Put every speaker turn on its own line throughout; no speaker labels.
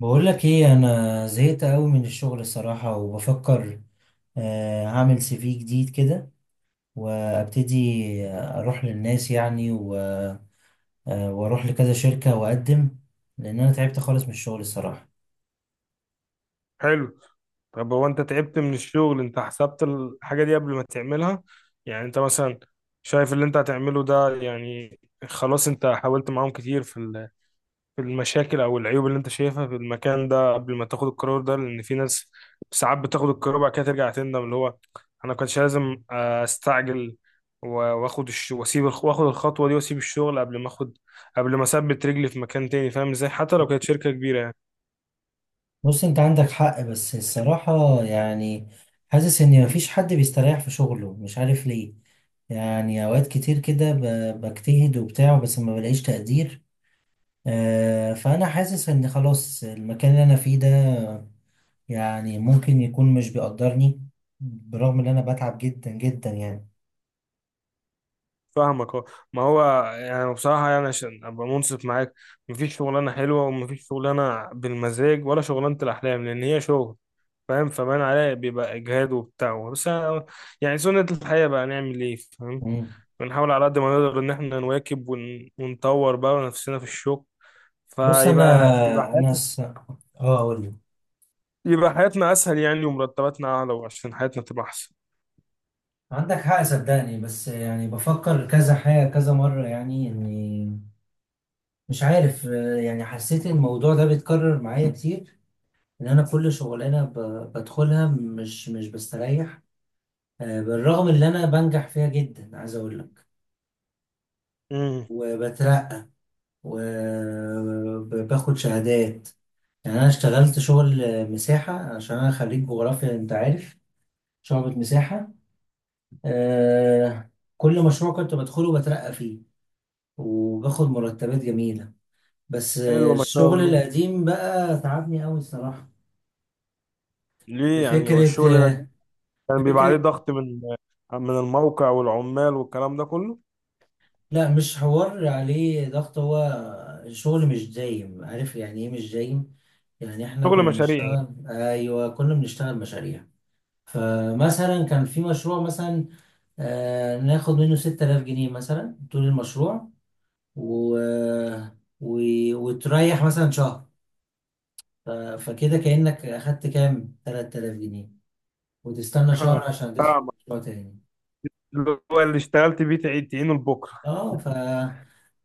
بقول لك ايه؟ انا زهقت قوي من الشغل الصراحة وبفكر، هعمل سي في جديد كده وابتدي، اروح للناس يعني واروح لكذا شركة واقدم، لان انا تعبت خالص من الشغل الصراحة.
حلو. طب هو انت تعبت من الشغل، انت حسبت الحاجة دي قبل ما تعملها؟ يعني انت مثلا شايف اللي انت هتعمله ده؟ يعني خلاص انت حاولت معاهم كتير في في المشاكل او العيوب اللي انت شايفها في المكان ده قبل ما تاخد القرار ده؟ لان في ناس ساعات بتاخد القرار بعد كده ترجع تندم، اللي هو انا كنتش لازم استعجل و- واخد الخطوة دي واسيب الشغل قبل ما اخد، قبل ما اثبت رجلي في مكان تاني. فاهم ازاي؟ حتى لو كانت شركة كبيرة يعني.
بص انت عندك حق، بس الصراحة يعني حاسس ان مفيش حد بيستريح في شغله، مش عارف ليه. يعني اوقات كتير كده بجتهد وبتاع بس ما بلاقيش تقدير. فانا حاسس ان خلاص المكان اللي انا فيه ده يعني ممكن يكون مش بيقدرني، برغم ان انا بتعب جدا جدا يعني.
فاهمك اه. ما هو يعني بصراحة، يعني عشان أبقى منصف معاك، مفيش شغلانة حلوة ومفيش شغلانة بالمزاج ولا شغلانة الأحلام، لأن هي شغل. فاهم؟ فبان عليها بيبقى إجهاد وبتاع، بس يعني سنة الحياة بقى، نعمل إيه؟ فاهم؟
مم.
بنحاول على قد ما نقدر إن إحنا نواكب ونطور بقى نفسنا في الشغل،
بص انا
فيبقى يبقى
انا
حياتنا
س... اه اقول لك،
يبقى حياتنا أسهل يعني، ومرتباتنا أعلى، وعشان حياتنا تبقى أحسن.
عندك حق صدقني، بس يعني بفكر كذا حاجة كذا مرة يعني اني مش عارف. يعني حسيت الموضوع ده بيتكرر معايا كتير، ان انا كل شغلانة بدخلها مش بستريح. بالرغم ان انا بنجح فيها جدا عايز اقول لك،
امم.
وبترقى، وباخد شهادات. يعني انا اشتغلت شغل مساحه عشان انا خريج جغرافيا انت عارف، شعبة مساحه. آه كل مشروع كنت بدخله بترقى فيه وباخد مرتبات جميله، بس
حلوة ما شاء
الشغل
الله.
القديم بقى تعبني قوي الصراحه.
ليه يعني؟
بفكره
والشغل
آه،
كان بيبقى عليه
بفكره.
ضغط من الموقع والعمال والكلام ده كله؟
لا، مش حوار عليه ضغط، هو شغل مش دايم، عارف يعني ايه مش دايم؟ يعني احنا
شغل
كنا
مشاريع يعني.
بنشتغل، ايوه، كنا بنشتغل مشاريع. فمثلا كان في مشروع مثلا ناخد منه 6000 جنيه مثلا طول المشروع و... و... وتريح مثلا شهر، فكده كأنك أخدت كام 3000 جنيه وتستنى شهر عشان تدخل
فاهمك.
مشروع تاني.
اللي هو اللي اشتغلت بيه تعيد تعينه لبكره.
اه ف...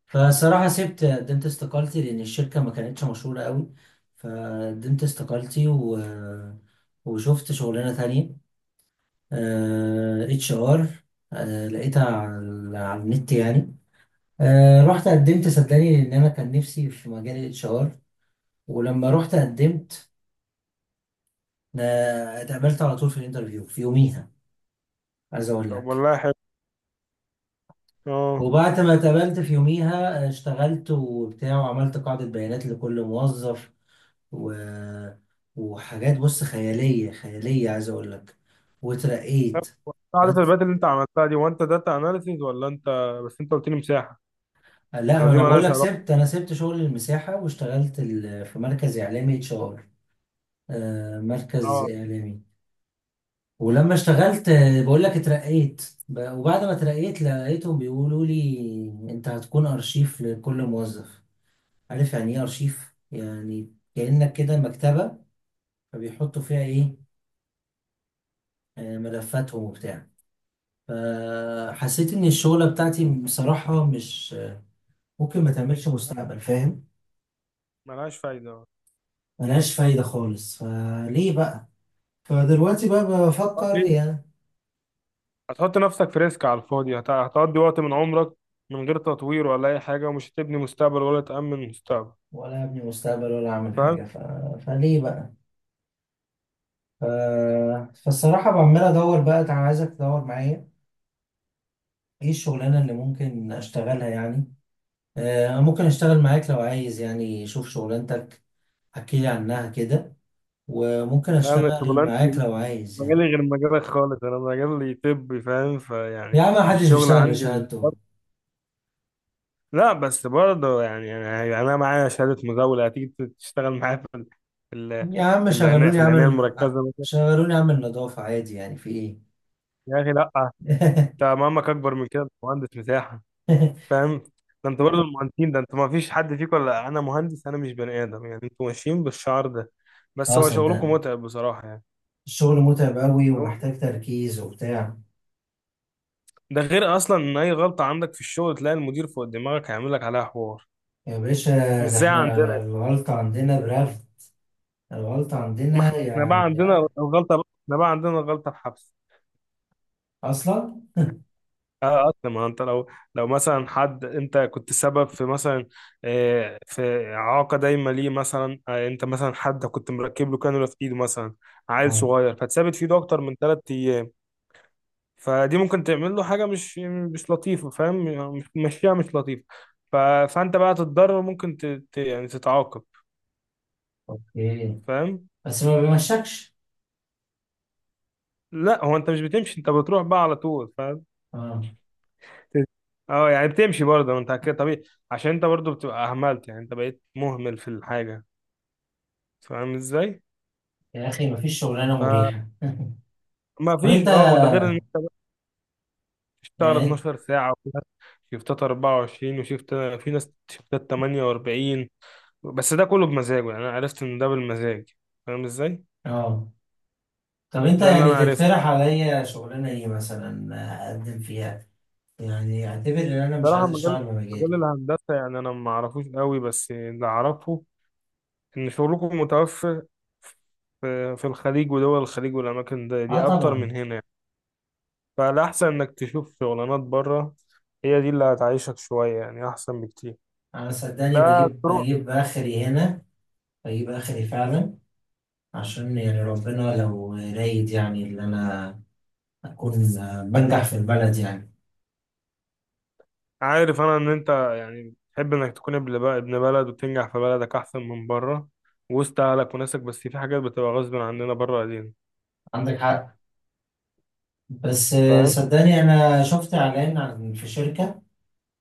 فصراحة سبت، قدمت استقالتي لأن الشركة ما كانتش مشهورة قوي، فقدمت استقالتي وشفت شغلانة تانية اتش ار، لقيتها على النت يعني. رحت قدمت صدقني لان انا كان نفسي في مجال الاتش ار، ولما رحت قدمت اتقابلت على طول في الانترفيو في يوميها عايز اقول
طب
لك.
والله حلو. اه.
وبعد ما اتقابلت في يوميها اشتغلت وبتاع، وعملت قاعدة بيانات لكل موظف، و... وحاجات، بص، خيالية خيالية عايز اقول لك،
طب
وترقيت.
عارف
بس
البات اللي انت عملتها دي، وانت داتا اناليسيز ولا انت؟ بس انت قلت لي مساحه.
لا،
انا
ما
دي
انا بقول
مالهاش
لك،
علاقه.
انا سبت شغل المساحة واشتغلت في مركز اعلامي اتش ار، مركز
اه،
اعلامي. ولما اشتغلت، بقول لك اترقيت، وبعد ما اترقيت لقيتهم بيقولوا لي انت هتكون ارشيف لكل موظف. عارف يعني ايه ارشيف؟ يعني كأنك كده مكتبة، فبيحطوا فيها ايه؟ ملفاتهم وبتاع. فحسيت ان الشغلة بتاعتي بصراحة مش ممكن ما تعملش مستقبل، فاهم؟
مالهاش فايده اه.
ملهاش فايدة خالص، فليه بقى؟ فدلوقتي بقى بفكر
ليه؟
يعني،
هتحط نفسك في ريسك على الفاضي، هتقضي وقت من عمرك من غير تطوير ولا اي حاجه، ومش هتبني مستقبل ولا تامن مستقبل.
ولا ابني مستقبل ولا اعمل
فاهم؟
حاجة فليه بقى؟ فالصراحة عمال أدور بقى، أنا عايزك تدور معايا إيه الشغلانة اللي ممكن أشتغلها يعني. ممكن أشتغل معاك لو عايز يعني، شوف شغلانتك احكيلي عنها كده، وممكن
لا انا
أشتغل معاك
شغلانتي،
لو عايز
مجالي
يعني.
غير مجالك خالص. انا مجالي طبي، فاهم؟ فيعني
يا عم محدش
الشغل
بيشتغل
عندي ال...
بشهادته،
لا بس برضه يعني انا معايا شهاده مزاوله، هتيجي تشتغل معايا في ال...
يا عم
في العنايه في
شغلوني
العنايه
أعمل
المركزه مثلا؟
شغلوني أعمل نظافة عادي يعني في إيه؟
يا اخي لا. انت مهمك اكبر من كده، انت مهندس مساحه، فاهم؟ ده انت برضه المهندسين، ده انت ما فيش حد فيكم. ولا انا مهندس، انا مش بني ادم يعني؟ انتوا ماشيين بالشعار ده، بس
أه
هو شغلكم
صدقني،
متعب بصراحه يعني.
الشغل متعب أوي
هو
ومحتاج تركيز وبتاع.
ده غير اصلا ان اي غلطه عندك في الشغل تلاقي المدير فوق دماغك هيعمل لك عليها حوار،
يا باشا،
مش
ده
زي
إحنا
عندنا.
الغلطة عندنا برغي، الغلطة عندنا
احنا بقى
يعني
عندنا الغلطة، احنا بقى عندنا الغلطة الحبس.
أصلا.
اه اصلا. ما انت لو، لو مثلا حد، انت كنت سبب في مثلا في اعاقه دايما ليه مثلا، انت مثلا حد كنت مركب له كانولا في ايده مثلا، عيل
اه،
صغير، فتثبت في ايده اكتر من 3 ايام. فدي ممكن تعمل له حاجه مش لطيفه، فاهم؟ مش مشيها مش لطيفه. ف... فانت بقى تتضرر، ممكن يعني تتعاقب.
اوكي،
فاهم؟
بس ما بيمشكش.
لا هو انت مش بتمشي، انت بتروح بقى على طول.
اه،
اه يعني بتمشي برضه، ما انت كده طبيعي، عشان انت برضه بتبقى اهملت، يعني انت بقيت مهمل في الحاجه. فاهم ازاي؟
يا أخي مفيش شغلانة مريحة.
فما
طب أنت
فيش اه. وده غير ان تشتغل
يعني
12 ساعه، وفي ناس شيفتات 24 وشيفت، في ناس شيفتات 48. بس ده كله بمزاجه يعني، انا عرفت ان ده بالمزاج. فاهم ازاي؟
اه طب أنت
ده اللي
يعني
انا عرفته.
تقترح عليا شغلانة إيه مثلا أقدم فيها؟ يعني أعتبر إن أنا مش
بصراحه
عايز
مجال،
أشتغل
مجال
بمجالي.
الهندسه يعني انا ما اعرفوش قوي، بس اللي اعرفه ان شغلكم متوفر في الخليج ودول الخليج والاماكن دي، دي
اه
اكتر من
طبعا.
هنا يعني. فالأحسن إنك تشوف شغلانات بره، هي دي اللي هتعيشك شوية يعني أحسن بكتير.
أنا صدقني
ده
بجيب
طرق.
بجيب آخري هنا، بجيب آخري فعلا، عشان يعني ربنا لو رايد يعني إن أنا أكون بنجح في البلد يعني.
عارف أنا إن أنت يعني تحب إنك تكون ابن بلد وتنجح في بلدك أحسن من بره، وسط أهلك وناسك، بس في حاجات بتبقى غصب عننا بره أيدينا.
عندك حق، بس
فاهم؟
صدقني انا شفت اعلان عن في شركة،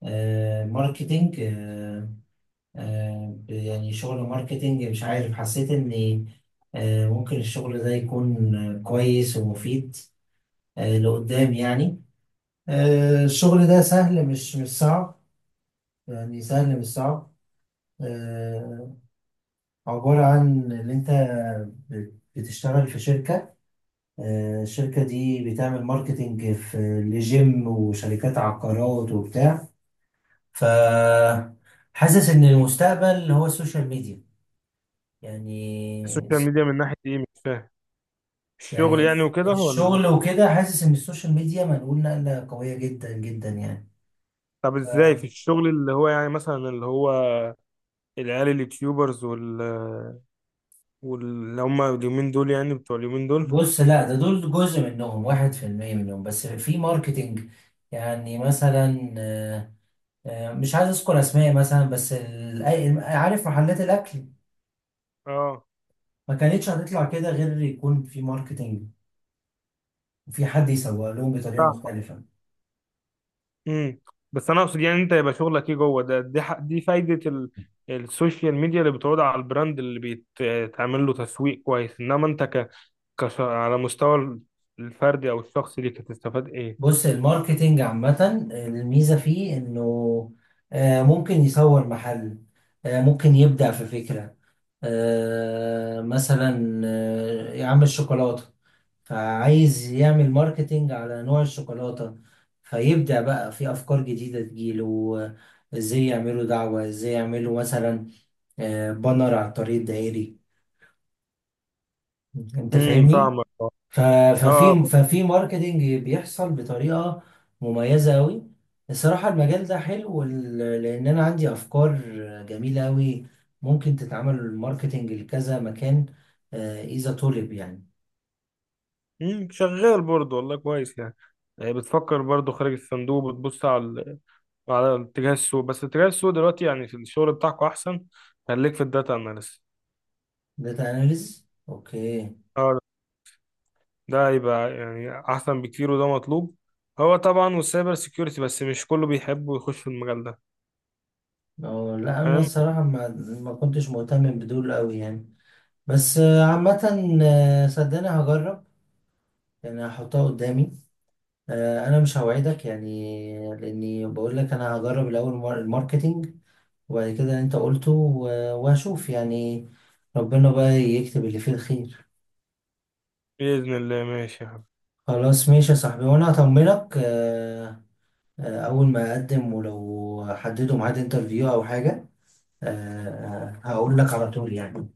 ماركتينج، يعني شغل ماركتينج مش عارف، حسيت ان ممكن الشغل ده يكون كويس ومفيد لقدام يعني. الشغل ده سهل، مش صعب، يعني سهل مش صعب. آه، عبارة عن ان انت بتشتغل في شركة، الشركة دي بتعمل ماركتينج في لجيم وشركات عقارات وبتاع، ف حاسس ان المستقبل هو السوشيال ميديا يعني
السوشيال ميديا من ناحية إيه مش فاهم، الشغل
يعني
يعني وكده ولا
الشغل وكده، حاسس ان السوشيال ميديا منقول نقلة قوية جدا جدا يعني.
طب
ف-
إزاي في الشغل اللي هو يعني، مثلا اللي هو العيال اليوتيوبرز واللي هم اليومين دول يعني، بتوع اليومين دول؟
بص لا، ده دول جزء منهم، 1% منهم بس في ماركتينج. يعني مثلا، مش عايز اذكر اسماء مثلا، بس عارف محلات الاكل
اه.
ما كانتش هتطلع كده غير يكون في ماركتينج وفي حد يسوق لهم بطريقة مختلفة.
امم. بس انا اقصد يعني انت يبقى شغلك ايه جوه ده؟ دي دي فايده السوشيال ميديا اللي بتعود على البراند اللي بيتعمل له تسويق كويس، انما انت على مستوى الفردي او الشخصي ليك هتستفاد ايه؟
بص الماركتينج عامة الميزة فيه إنه ممكن يصور محل، ممكن يبدع في فكرة، مثلا يعمل الشوكولاتة، فعايز يعمل ماركتينج على نوع الشوكولاتة، فيبدع بقى في أفكار جديدة تجيله، إزاي يعملوا دعوة، إزاي يعملوا مثلا بانر على الطريق الدائري، أنت فاهمني؟
فاهمك اه.
ف-
آه.
ففي ماركتينج بيحصل بطريقة مميزة أوي، الصراحة المجال ده حلو لأن أنا عندي أفكار جميلة أوي، ممكن تتعمل الماركتينج لكذا مكان إذا طلب يعني.
شغال برضه والله كويس يعني. يعني بتفكر برضه خارج الصندوق، بتبص على على اتجاه السوق، بس اتجاه السوق دلوقتي يعني في الشغل بتاعكوا احسن، خليك في الداتا اناليست.
داتا أناليز، أوكي.
ده هيبقى يعني احسن بكتير وده مطلوب. هو طبعا، والسايبر سيكيورتي، بس مش كله بيحب ويخش في المجال ده.
أه لا، أنا
فاهم؟
الصراحة ما كنتش مهتم بدول أوي يعني، بس عامة صدقني هجرب، يعني هحطها قدامي. أنا مش هوعدك يعني، لأني بقول لك أنا هجرب الأول الماركتينج، وبعد كده انت قلته وهشوف يعني، ربنا بقى يكتب اللي فيه الخير.
بإذن الله. ماشي يا حبيبي.
خلاص ماشي يا صاحبي، وانا هطمنك اول ما اقدم ولو حددوا ميعاد انترفيو او حاجة هقول لك على طول يعني.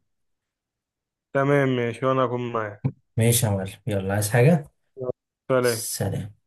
تمام ماشي، وانا هكون معاك.
ماشي يا معلم، يلا، عايز حاجة؟
يلا، سلام.
سلام.